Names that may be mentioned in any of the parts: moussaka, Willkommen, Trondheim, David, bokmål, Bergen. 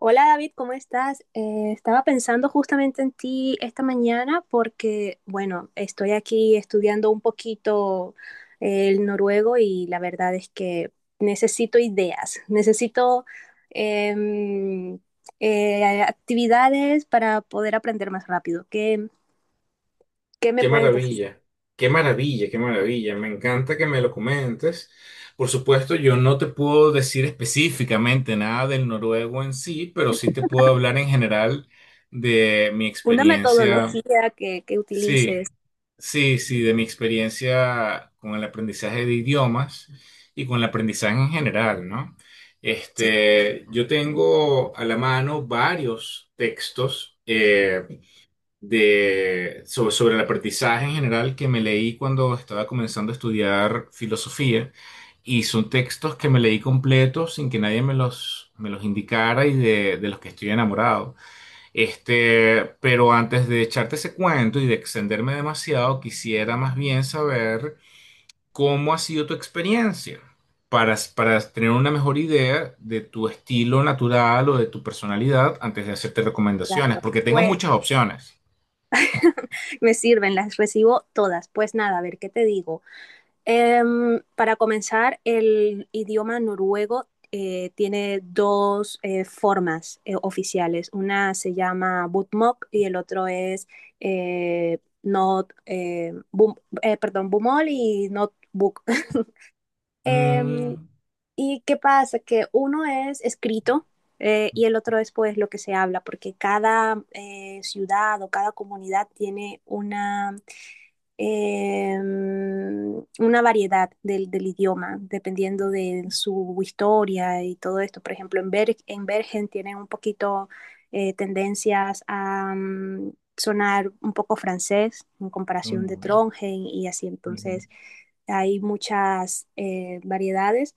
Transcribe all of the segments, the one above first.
Hola David, ¿cómo estás? Estaba pensando justamente en ti esta mañana porque, bueno, estoy aquí estudiando un poquito el noruego y la verdad es que necesito ideas, necesito em, actividades para poder aprender más rápido. ¿Qué me Qué puedes decir? maravilla, qué maravilla, qué maravilla. Me encanta que me lo comentes. Por supuesto, yo no te puedo decir específicamente nada del noruego en sí, pero sí te puedo hablar en general de mi Una experiencia. metodología que Sí, utilices. sí, sí, de mi experiencia con el aprendizaje de idiomas y con el aprendizaje en general, ¿no? Sí, Este, yo tengo a la mano varios textos. De, sobre, sobre el aprendizaje en general que me leí cuando estaba comenzando a estudiar filosofía. Y son textos que me leí completos sin que nadie me los indicara y de los que estoy enamorado. Este, pero antes de echarte ese cuento y de extenderme demasiado, quisiera más bien saber cómo ha sido tu experiencia para tener una mejor idea de tu estilo natural o de tu personalidad antes de hacerte recomendaciones, claro. porque tengo Pues, muchas opciones. me sirven, las recibo todas. Pues nada, a ver, ¿qué te digo? Em, para comenzar, el idioma noruego tiene dos formas oficiales. Una se llama bokmål y el otro es not, bum- perdón, bumol y not book. Em, Mm, ¿Y qué pasa? Que uno es escrito y el otro es pues lo que se habla, porque cada ciudad o cada comunidad tiene eh, una variedad del idioma, dependiendo de su historia y todo esto. Por ejemplo, en Bergen tienen un poquito tendencias a sonar un poco francés en comparación de mm, Trondheim y así. ujú. Entonces, hay muchas variedades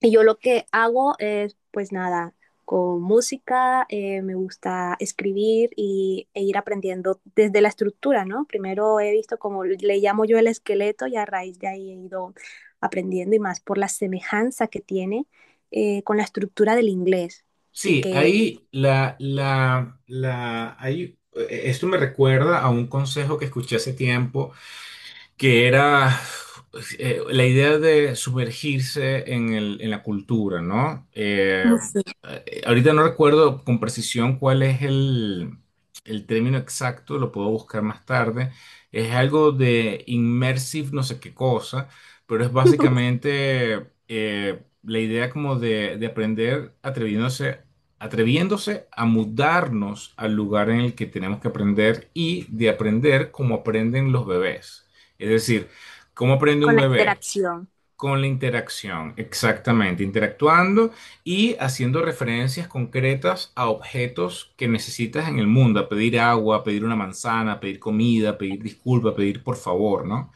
y yo lo que hago es, pues nada, con música, me gusta escribir y, e ir aprendiendo desde la estructura, ¿no? Primero he visto como le llamo yo el esqueleto y a raíz de ahí he ido aprendiendo y más por la semejanza que tiene con la estructura del inglés y Sí, que ahí esto me recuerda a un consejo que escuché hace tiempo que era la idea de sumergirse en en la cultura, ¿no? Ahorita no recuerdo con precisión cuál es el término exacto, lo puedo buscar más tarde. Es algo de immersive no sé qué cosa, pero es básicamente la idea como de aprender atreviéndose atreviéndose a mudarnos al lugar en el que tenemos que aprender y de aprender como aprenden los bebés. Es decir, ¿cómo aprende un con la bebé? interacción, Con la interacción, exactamente, interactuando y haciendo referencias concretas a objetos que necesitas en el mundo, a pedir agua, a pedir una manzana, a pedir comida, a pedir disculpa, a pedir por favor, ¿no?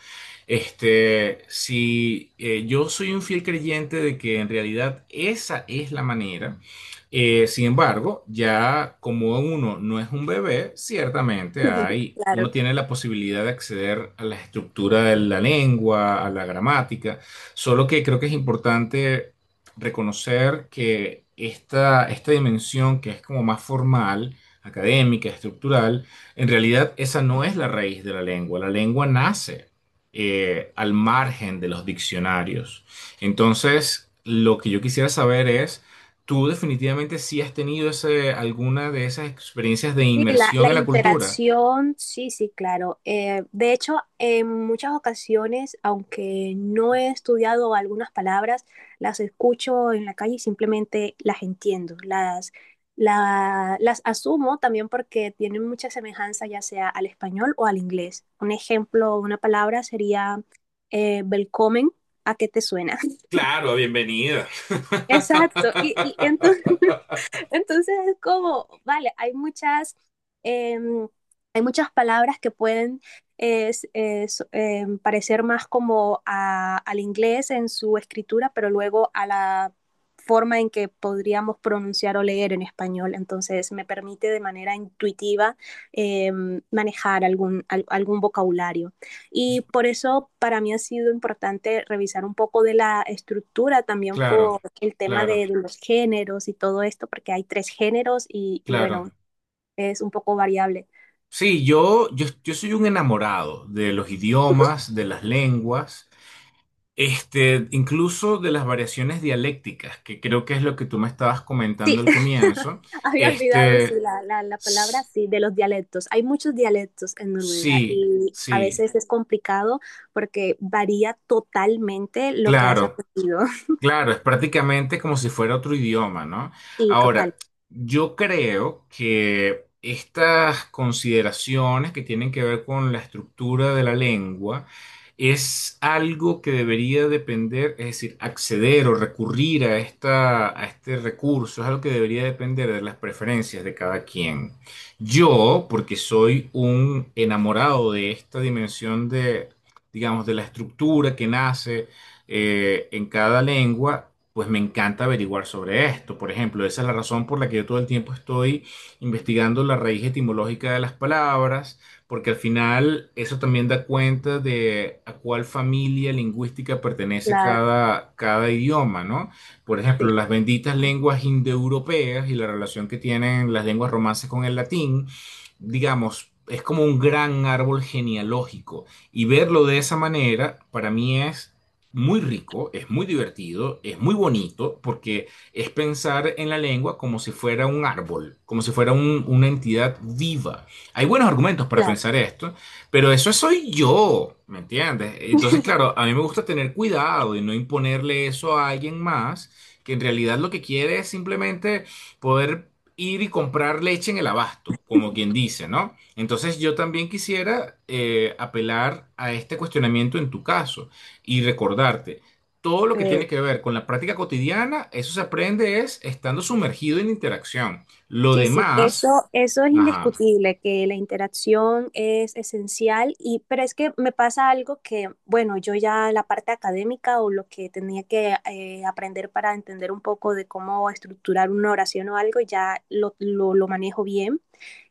Este, si yo soy un fiel creyente de que en realidad esa es la manera, sin embargo, ya como uno no es un bebé, ciertamente hay, uno claro. tiene la posibilidad de acceder a la estructura de la lengua, a la gramática. Solo que creo que es importante reconocer que esta dimensión que es como más formal, académica, estructural, en realidad esa no es la raíz de la lengua. La lengua nace al margen de los diccionarios. Entonces, lo que yo quisiera saber es, ¿tú definitivamente sí has tenido alguna de esas experiencias de Sí, la, inmersión la en la cultura? interacción, sí, sí, claro. De hecho, en muchas ocasiones, aunque no he estudiado algunas palabras, las escucho en la calle y simplemente las entiendo, las asumo también porque tienen mucha semejanza ya sea al español o al inglés. Un ejemplo, una palabra sería "Willkommen", ¿a qué te suena? Claro, bienvenida. Exacto, y entonces... Entonces es como, vale, eh, hay muchas palabras que pueden parecer más como al inglés en su escritura, pero luego a la forma en que podríamos pronunciar o leer en español. Entonces me permite de manera intuitiva eh, manejar algún vocabulario. Y por eso para mí ha sido importante revisar un poco de la estructura también Claro, por el tema de claro. los géneros y todo esto, porque hay tres géneros y Claro. bueno, es un poco variable. Sí, yo soy un enamorado de los idiomas, de las lenguas, este, incluso de las variaciones dialécticas, que creo que es lo que tú me estabas Sí, comentando al comienzo. había olvidado sí, Este, palabra, s- sí, de los dialectos. Hay muchos dialectos en Noruega sí, y a sí, veces es complicado porque varía totalmente lo que has claro. aprendido. Claro, es prácticamente como si fuera otro idioma, ¿no? Sí, total, Ahora, yo creo que estas consideraciones que tienen que ver con la estructura de la lengua es algo que debería depender, es decir, acceder o recurrir a a este recurso, es algo que debería depender de las preferencias de cada quien. Yo, porque soy un enamorado de esta dimensión de, digamos, de la estructura que nace en cada lengua, pues me encanta averiguar sobre esto. Por ejemplo, esa es la razón por la que yo todo el tiempo estoy investigando la raíz etimológica de las palabras, porque al final eso también da cuenta de a cuál familia lingüística pertenece claro, cada idioma, ¿no? Por sí, ejemplo, las benditas lenguas indoeuropeas y la relación que tienen las lenguas romances con el latín, digamos, es como un gran árbol genealógico. Y verlo de esa manera, para mí es muy rico, es muy divertido, es muy bonito, porque es pensar en la lengua como si fuera un árbol, como si fuera una entidad viva. Hay buenos argumentos para claro. pensar esto, pero eso soy yo, ¿me entiendes? Entonces, claro, a mí me gusta tener cuidado y no imponerle eso a alguien más, que en realidad lo que quiere es simplemente poder ir y comprar leche en el abasto, como quien dice, ¿no? Entonces yo también quisiera apelar a este cuestionamiento en tu caso y recordarte. Todo lo que eh, tiene que ver con la práctica cotidiana, eso se aprende es estando sumergido en interacción. Lo Sí, sí, demás, eso es ajá, indiscutible, que la interacción es esencial y, pero es que me pasa algo que, bueno, yo ya la parte académica o lo que tenía que aprender para entender un poco de cómo estructurar una oración o algo, ya lo manejo bien.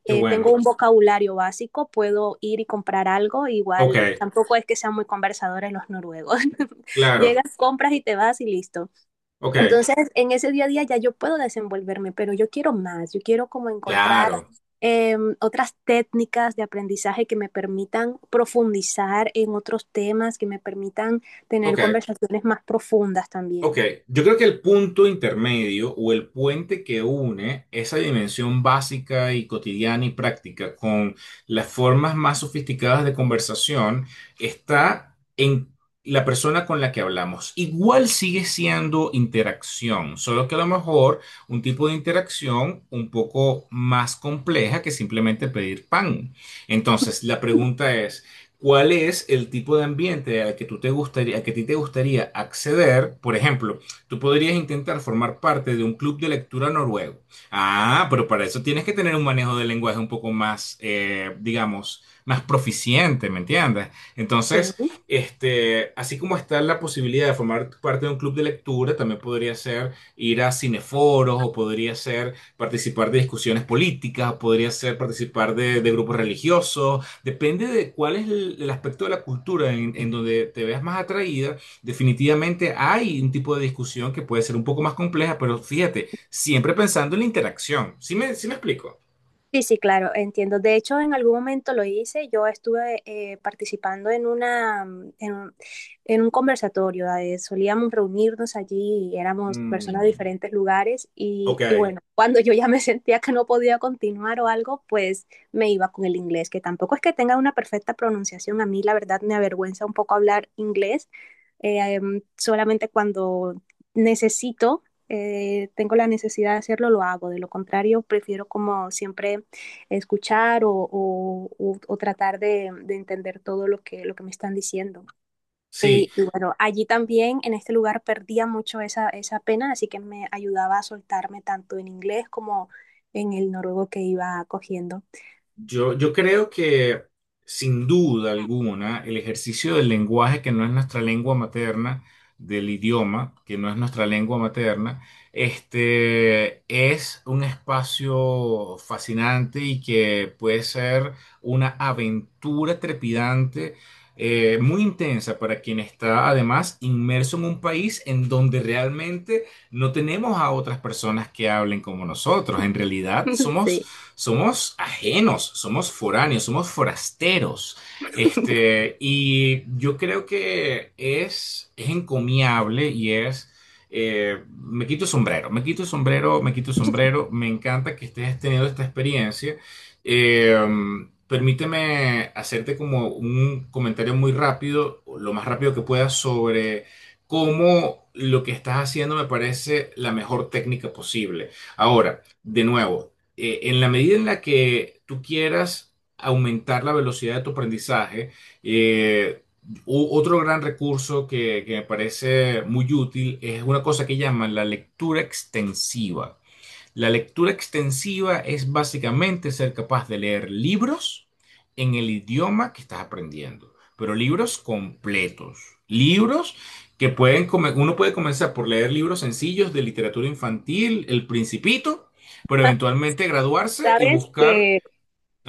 qué Tengo bueno. un vocabulario básico, puedo ir y comprar algo, Ok, igual tampoco es que sean muy conversadores los noruegos. claro, Llegas, compras y te vas y listo. ok, Entonces, en ese día a día ya yo puedo desenvolverme, pero yo quiero más, yo quiero como encontrar claro, otras técnicas de aprendizaje que me permitan profundizar en otros temas, que me permitan tener ok. conversaciones más profundas Ok, también. yo creo que el punto intermedio o el puente que une esa dimensión básica y cotidiana y práctica con las formas más sofisticadas de conversación está en la persona con la que hablamos. Igual sigue siendo interacción, solo que a lo mejor un tipo de interacción un poco más compleja que simplemente pedir pan. Entonces, la pregunta es cuál es el tipo de ambiente al que tú te gustaría, al que a ti te gustaría acceder. Por ejemplo, tú podrías intentar formar parte de un club de lectura noruego. Ah, pero para eso tienes que tener un manejo del lenguaje un poco más, digamos, más proficiente, ¿me entiendes? Sí. Entonces, este, así como está la posibilidad de formar parte de un club de lectura, también podría ser ir a cineforos o podría ser participar de discusiones políticas, o podría ser participar de grupos religiosos. Depende de cuál es el aspecto de la cultura en donde te veas más atraída. Definitivamente hay un tipo de discusión que puede ser un poco más compleja, pero fíjate, siempre pensando en la interacción. Sí me explico? Sí, sí, claro, entiendo. De hecho, en algún momento lo hice. Yo estuve participando en una, mm, en un conversatorio. Solíamos reunirnos allí y éramos personas de Mm, diferentes lugares. ok, Y bueno, cuando yo ya me sentía que no podía continuar o algo, pues me iba con el inglés, que tampoco es que tenga una perfecta pronunciación. A mí, la verdad, me avergüenza un poco hablar inglés. Solamente cuando necesito, tengo la necesidad de hacerlo, lo hago. De lo contrario, prefiero como siempre escuchar o tratar de entender todo lo que me están diciendo. sí. Y bueno, allí también en este lugar perdía mucho esa, esa pena, así que me ayudaba a soltarme tanto en inglés como en el noruego que iba cogiendo. Yo creo que sin duda alguna el ejercicio del lenguaje que no es nuestra lengua materna, del idioma que no es nuestra lengua materna, este es un espacio fascinante y que puede ser una aventura trepidante, muy intensa para quien está además inmerso en un país en donde realmente no tenemos a otras personas que hablen como nosotros. En realidad somos Sí. somos ajenos, somos foráneos, somos forasteros. Este, y yo creo que es encomiable y es, me quito el sombrero, me quito el sombrero, me quito el sombrero, me encanta que estés teniendo esta experiencia. Eh, permíteme hacerte como un comentario muy rápido, lo más rápido que pueda, sobre cómo lo que estás haciendo me parece la mejor técnica posible. Ahora, de nuevo, en la medida en la que tú quieras aumentar la velocidad de tu aprendizaje, eh, otro gran recurso que me parece muy útil es una cosa que llaman la lectura extensiva. La lectura extensiva es básicamente ser capaz de leer libros en el idioma que estás aprendiendo, pero libros completos, libros que pueden uno puede comenzar por leer libros sencillos de literatura infantil, El Principito, pero eventualmente graduarse y Sabes buscar, que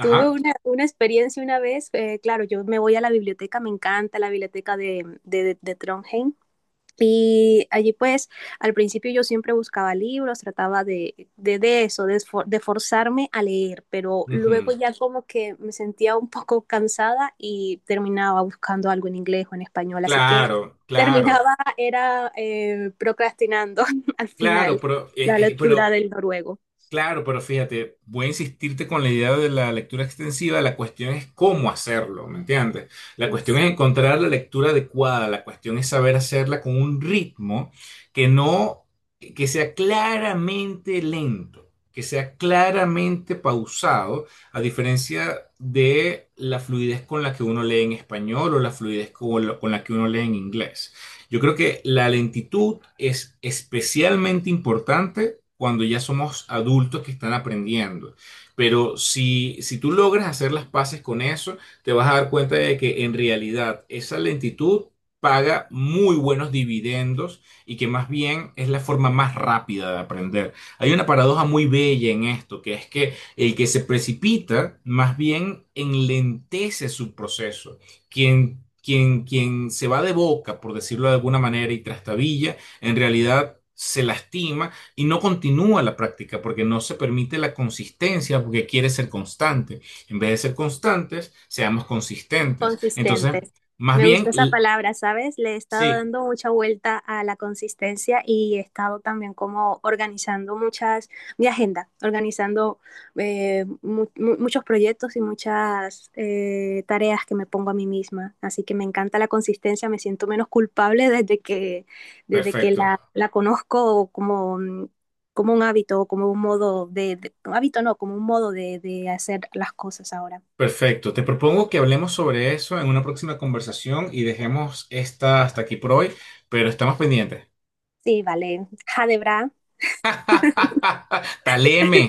tuve una experiencia una vez, claro, yo me voy a la biblioteca, me encanta la biblioteca de Trondheim. Y allí pues al principio yo siempre buscaba libros, trataba de eso, de, de forzarme a leer, pero luego ujú. ya como que me sentía un poco cansada y terminaba buscando algo en inglés o en español, así que Claro, claro, terminaba, era procrastinando al claro, final la lectura pero del noruego. claro, pero fíjate, voy a insistirte con la idea de la lectura extensiva, la cuestión es cómo hacerlo, ¿me entiendes? La Mm, cuestión es sí. encontrar la lectura adecuada, la cuestión es saber hacerla con un ritmo que no, que sea claramente lento, que sea claramente pausado, a diferencia de la fluidez con la que uno lee en español o la fluidez con la que uno lee en inglés. Yo creo que la lentitud es especialmente importante cuando ya somos adultos que están aprendiendo. Pero si tú logras hacer las paces con eso, te vas a dar cuenta de que en realidad esa lentitud paga muy buenos dividendos y que más bien es la forma más rápida de aprender. Hay una paradoja muy bella en esto, que es que el que se precipita más bien enlentece su proceso. Quien quien se va de boca, por decirlo de alguna manera, y trastabilla, en realidad se lastima y no continúa la práctica porque no se permite la consistencia porque quiere ser constante. En vez de ser constantes, seamos consistentes. Entonces, Consistentes. más Me bien, gusta esa palabra, ¿sabes? Le he estado sí, dando mucha vuelta a la consistencia y he estado también como organizando muchas, mi agenda, organizando muchos proyectos y muchas tareas que me pongo a mí misma. Así que me encanta la consistencia, me siento menos culpable desde que perfecto. la conozco como, mm, como un hábito, como un modo un hábito no, como un modo de hacer las cosas ahora. Perfecto. Te propongo que hablemos sobre eso en una próxima conversación y dejemos esta hasta aquí por hoy, pero estamos pendientes. Sí, vale. Jadebra. Taleme.